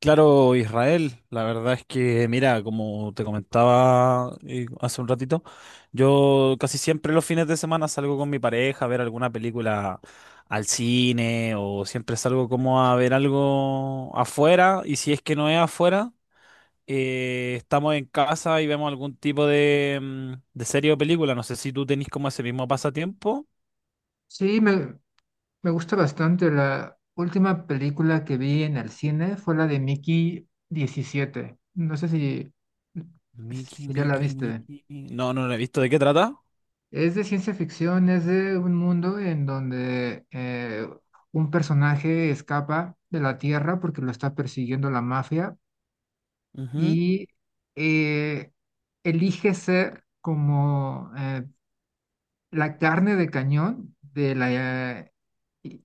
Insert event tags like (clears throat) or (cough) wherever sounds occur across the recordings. Claro, Israel, la verdad es que, mira, como te comentaba hace un ratito, yo casi siempre los fines de semana salgo con mi pareja a ver alguna película al cine o siempre salgo como a ver algo afuera y si es que no es afuera, estamos en casa y vemos algún tipo de serie o película. No sé si tú tenés como ese mismo pasatiempo. Sí, me gusta bastante. La última película que vi en el cine fue la de Mickey 17. No sé si, Mickey, si ya la Mickey, viste. Mickey. No, no lo he visto. ¿De qué trata? Es de ciencia ficción, es de un mundo en donde un personaje escapa de la Tierra porque lo está persiguiendo la mafia, Ujú. y eh, elige ser como la carne de cañón de la, eh,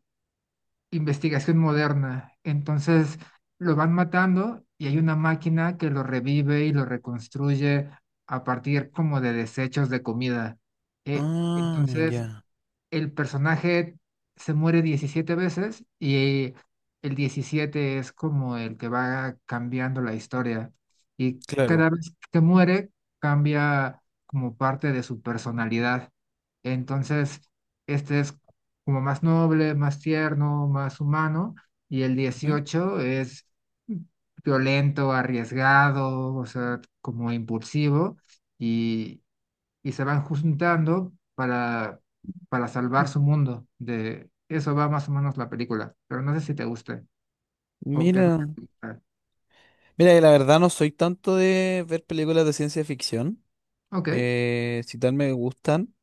investigación moderna. Entonces lo van matando y hay una máquina que lo revive y lo reconstruye a partir como de desechos de comida. Ah, Entonces, ya. el personaje se muere 17 veces, y el 17 es como el que va cambiando la historia. Y Claro. cada vez que muere, cambia como parte de su personalidad. Entonces, este es como más noble, más tierno, más humano. Y el Ujú. 18 es violento, arriesgado, o sea, como impulsivo. Y, y se van juntando para salvar su mundo. De eso va más o menos la película, pero no sé si te guste o qué es Mira, lo que te gusta. mira, que la verdad no soy tanto de ver películas de ciencia ficción. Ok, Si tal me gustan,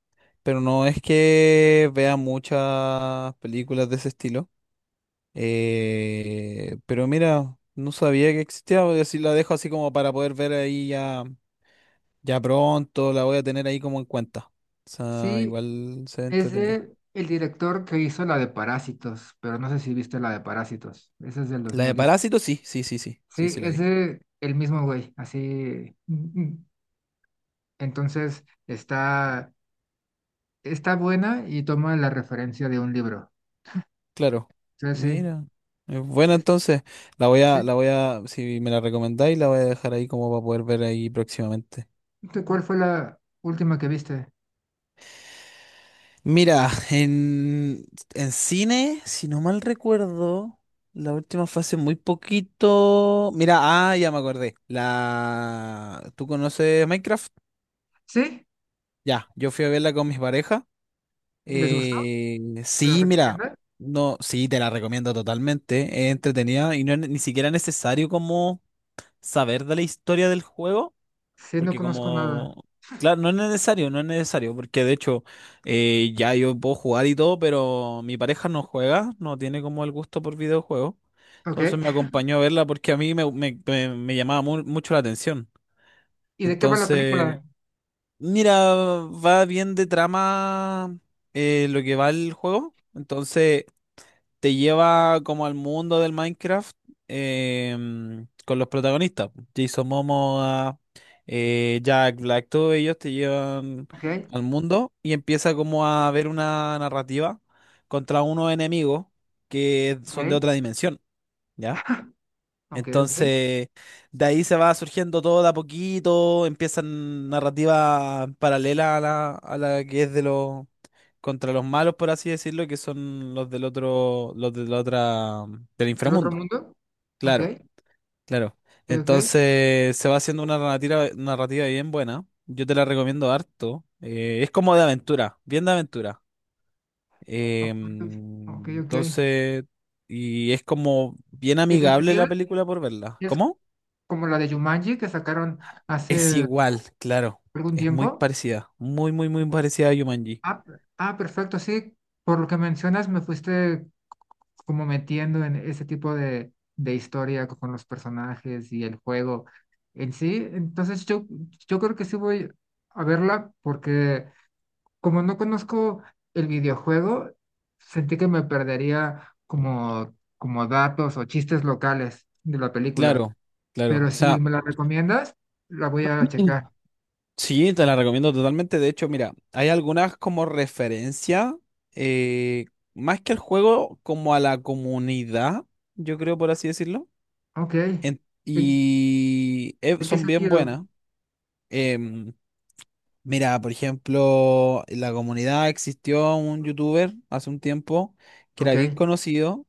pero no es que vea muchas películas de ese estilo. Pero mira, no sabía que existía, voy a decir, la dejo así como para poder ver ahí ya, ya pronto, la voy a tener ahí como en cuenta. O sea, sí, igual se es entretenía. de el director que hizo la de Parásitos, pero no sé si viste la de Parásitos. Esa es del dos La de mil diez Parásito, sí, sí, sí, sí, sí, Sí, sí la es vi. de el mismo güey, así. Mm, mm. Entonces está buena y toma la referencia de un libro. Claro. Sí, sí. Mira. Es buena entonces. La voy a, Sí, la voy a, si me la recomendáis, la voy a dejar ahí como para poder ver ahí próximamente. ¿tú, cuál fue la última que viste? Mira, (laughs) en cine, si no mal recuerdo, la última fue hace muy poquito. Mira, ah, ya me acordé. La, ¿tú conoces Minecraft? Sí, Ya, yo fui a verla con mis parejas. y les gustó. ¿Me la Sí, mira, recomienda? no, sí, te la recomiendo totalmente. Es entretenida y no es ni siquiera necesario como saber de la historia del juego, Sí, no porque conozco nada. como, claro, no es necesario, porque de hecho ya yo puedo jugar y todo, pero mi pareja no juega, no tiene como el gusto por videojuegos, Ok. entonces me acompañó a verla porque a mí me llamaba mucho la atención. ¿Y de qué va la Entonces, película? mira, va bien de trama lo que va el juego, entonces te lleva como al mundo del Minecraft con los protagonistas. Po. Jason Momoa, Jack Black, todos ellos te llevan Ok, al mundo y empieza como a ver una narrativa contra unos enemigos que son de ok, otra dimensión, ¿ya? ok, ok. Entonces, de ahí se va surgiendo todo de a poquito, empiezan narrativas paralelas a la que es de los contra los malos, por así decirlo, que son los del otro, los de la otra, del ¿El otro inframundo. mundo? Ok, Claro, claro. ok, Entonces, se va haciendo una narrativa bien buena. Yo te la recomiendo harto. Es como de aventura, bien de aventura. ok, ok, ok. Entonces, y es como bien amigable ¿Entretenida? la película por verla. ¿Es ¿Cómo? como la de Jumanji que sacaron Es hace igual, claro. algún Es muy tiempo? parecida. Muy parecida a Jumanji. Ah, perfecto, sí. Por lo que mencionas, me fuiste como metiendo en ese tipo de historia con los personajes y el juego en sí. Entonces yo creo que sí voy a verla, porque como no conozco el videojuego, sentí que me perdería como datos o chistes locales de la película. Claro, claro. Pero O si sea, me la recomiendas, la voy a checar. (clears throat) sí, te la recomiendo totalmente. De hecho, mira, hay algunas como referencia, eh, más que al juego, como a la comunidad, yo creo, por así decirlo. Ok. En- ¿En, y eh, en qué son bien sentido? buenas. Em, Mira, por ejemplo, en la comunidad existió un youtuber hace un tiempo que era Ok. bien conocido.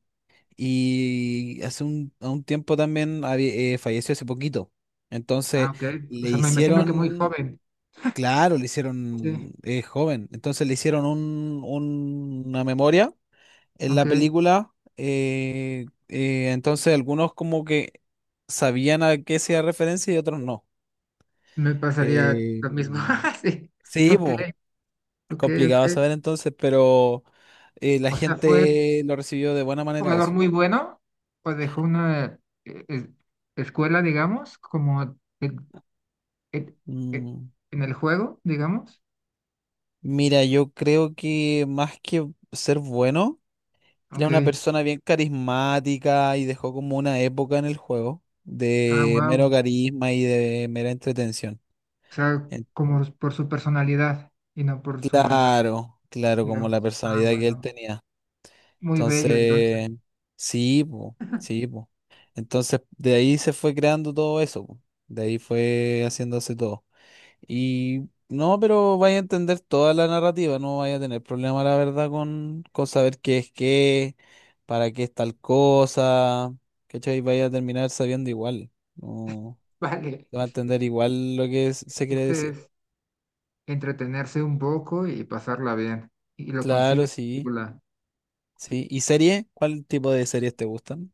Y hace a un tiempo también falleció hace poquito. Entonces Ah, ok. O le sea, me imagino que muy hicieron, joven. claro, le hicieron Sí. Joven. Entonces le hicieron una memoria en la Ok. película. Entonces algunos como que sabían a qué hacía referencia y otros no. Me pasaría Eh, lo mismo. (laughs) Sí. sí, Ok. po, Ok, complicado ok. saber entonces, pero la O sea, ¿fue un gente lo recibió de buena manera jugador eso. muy bueno? ¿O dejó una eh, es- escuela, digamos, como en, en- Mm. en el juego, digamos? Mira, yo creo que más que ser bueno, era Ok. una persona bien carismática y dejó como una época en el juego Ah, de mero wow. carisma y de mera entretención. O sea, Eh, como por su personalidad y no por su manera, Claro, claro, como la digamos. Ah, personalidad que él wow. tenía. Muy bello, entonces. Entonces, sí, po, sí, po. Entonces, de ahí se fue creando todo eso, po. De ahí fue haciéndose todo. Y no, pero vaya a entender toda la narrativa, no vaya a tener problema, la verdad, con saber qué es qué, para qué es tal cosa, ¿cachai? Vaya a terminar sabiendo igual, no (laughs) Vale. va a entender igual lo que El se quiere chiste decir. es entretenerse un poco y pasarla bien. Y lo consigue Claro, la sí, película. sí. ¿Y serie? ¿Cuál tipo de series te gustan?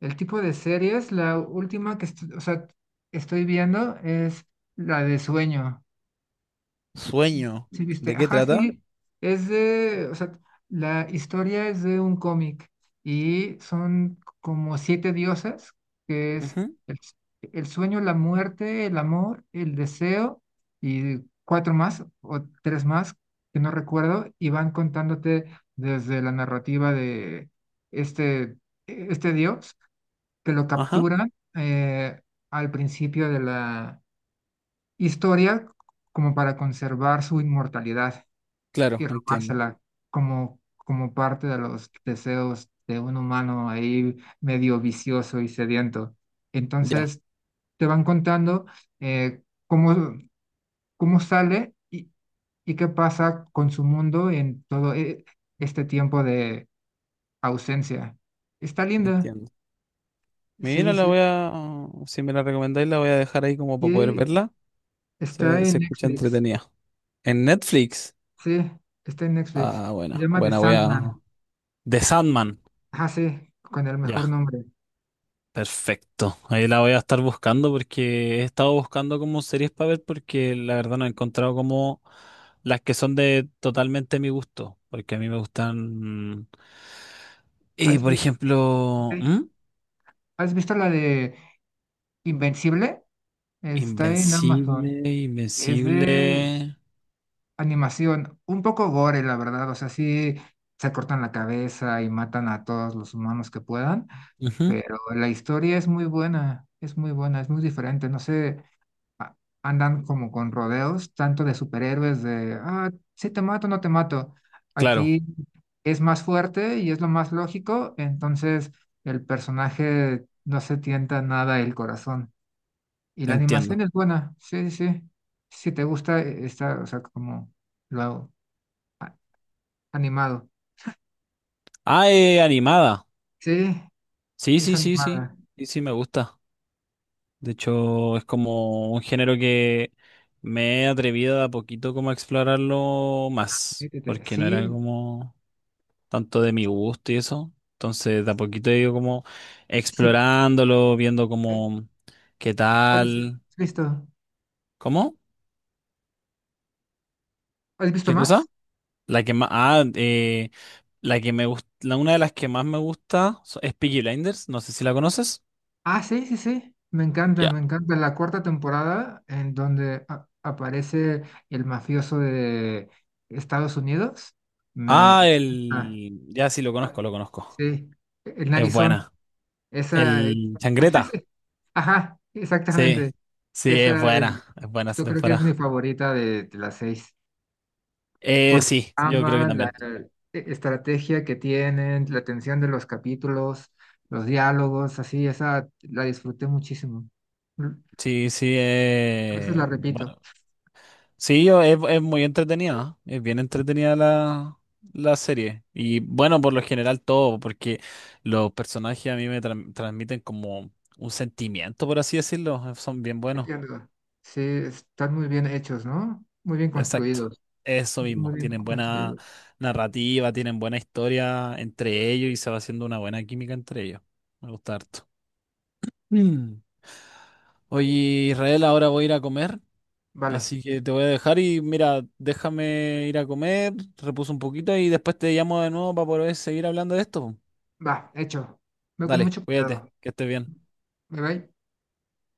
El tipo de series, la última que o sea, estoy viendo es la de Sueño. Sueño. Sí, viste, ¿De qué ajá, trata? sí, es de, o sea, la historia es de un cómic y son como siete diosas, que es Ujú, el, s- el sueño, la muerte, el amor, el deseo, y cuatro más o tres más que no recuerdo, y van contándote desde la narrativa de este, este dios, que lo Ajá, capturan al principio de la historia como para conservar su inmortalidad, claro, y entiendo. robársela como parte de los deseos de un humano ahí medio vicioso y sediento. Ya, Entonces, te van contando eh, cómo, cómo sale y qué pasa con su mundo en todo este tiempo de ausencia. Está linda. entiendo. Sí, Mira, sí, sí. Si me la recomendáis, la voy a dejar ahí como para poder Y verla. Está en Se escucha Netflix. entretenida. En Netflix. Sí, está en Netflix. Ah, Se buena, llama The buena, voy a... Sandman. The Sandman. Ah, sí, con el mejor Ya, nombre. perfecto. Ahí la voy a estar buscando porque he estado buscando como series para ver porque la verdad no he encontrado como las que son de totalmente mi gusto. Porque a mí me gustan... Y ¿Has por visto, ok, ejemplo, ¿Mm? ¿Has visto la de Invencible? Está en Amazon. Invencible, Es de Invencible. animación, un poco gore, la verdad. O sea, sí se cortan la cabeza y matan a todos los humanos que puedan, Ujú, pero la historia es muy buena, es muy buena, es muy diferente. No sé, a- andan como con rodeos, tanto de superhéroes, ah, sí te mato, no te mato. claro, Aquí es más fuerte y es lo más lógico, entonces el personaje no se tienta nada el corazón. Y la animación entiendo. es buena, sí, sí, sí. Si te gusta, está, o sea, como lo hago, animado. Ah, animada. Sí, Sí, es sí, sí, sí. animada. Sí, sí, me gusta. De hecho, es como un género que me he atrevido de a poquito como a explorarlo más, Métete. porque no era Sí, como tanto de mi gusto y eso. Entonces, de a poquito he ido como sí. explorándolo, viendo ¿Eh? como qué ¿Cuál es? Tal, ¿Has visto? ¿cómo? ¿Has visto ¿Qué cosa? más? La que más, la que me gusta, una de las que más me gusta es Peaky Blinders, no sé si la conoces. Ah, sí, sí, sí. Me encanta, Ya. me encanta. La cuarta temporada en donde aparece el mafioso de Estados Unidos. Me Ah, encanta. el, ya sí lo conozco, Ah, lo conozco. sí, el Es Arizona. buena. Esa. El Changreta. (laughs) Ajá, Sí, exactamente. sí, Esa, es buena esa yo creo que es mi temporada. favorita de las seis. Por la Sí, yo creo que trama, la también. Estrategia que tienen, la tensión de los capítulos, los diálogos, así, esa la disfruté muchísimo. Mm, Sí, sí, A veces la repito. bueno, sí, yo, es muy entretenida, ¿eh? Es bien entretenida la, la serie. Y bueno, por lo general todo, porque los personajes a mí me transmiten como un sentimiento, por así decirlo, son bien buenos, Entiendo. Sí, están muy bien hechos, ¿no? Muy bien exacto. construidos. Eso Muy mismo, bien tienen buena construidos. narrativa, tienen buena historia entre ellos y se va haciendo una buena química entre ellos. Me gusta harto. Mm. Oye, Israel, ahora voy a ir a comer, Vale, así que te voy a dejar y mira, déjame ir a comer, repuso un poquito y después te llamo de nuevo para poder seguir hablando de esto. va, hecho. Ve con Dale, mucho cuídate, cuidado. que estés bien. Bye bye.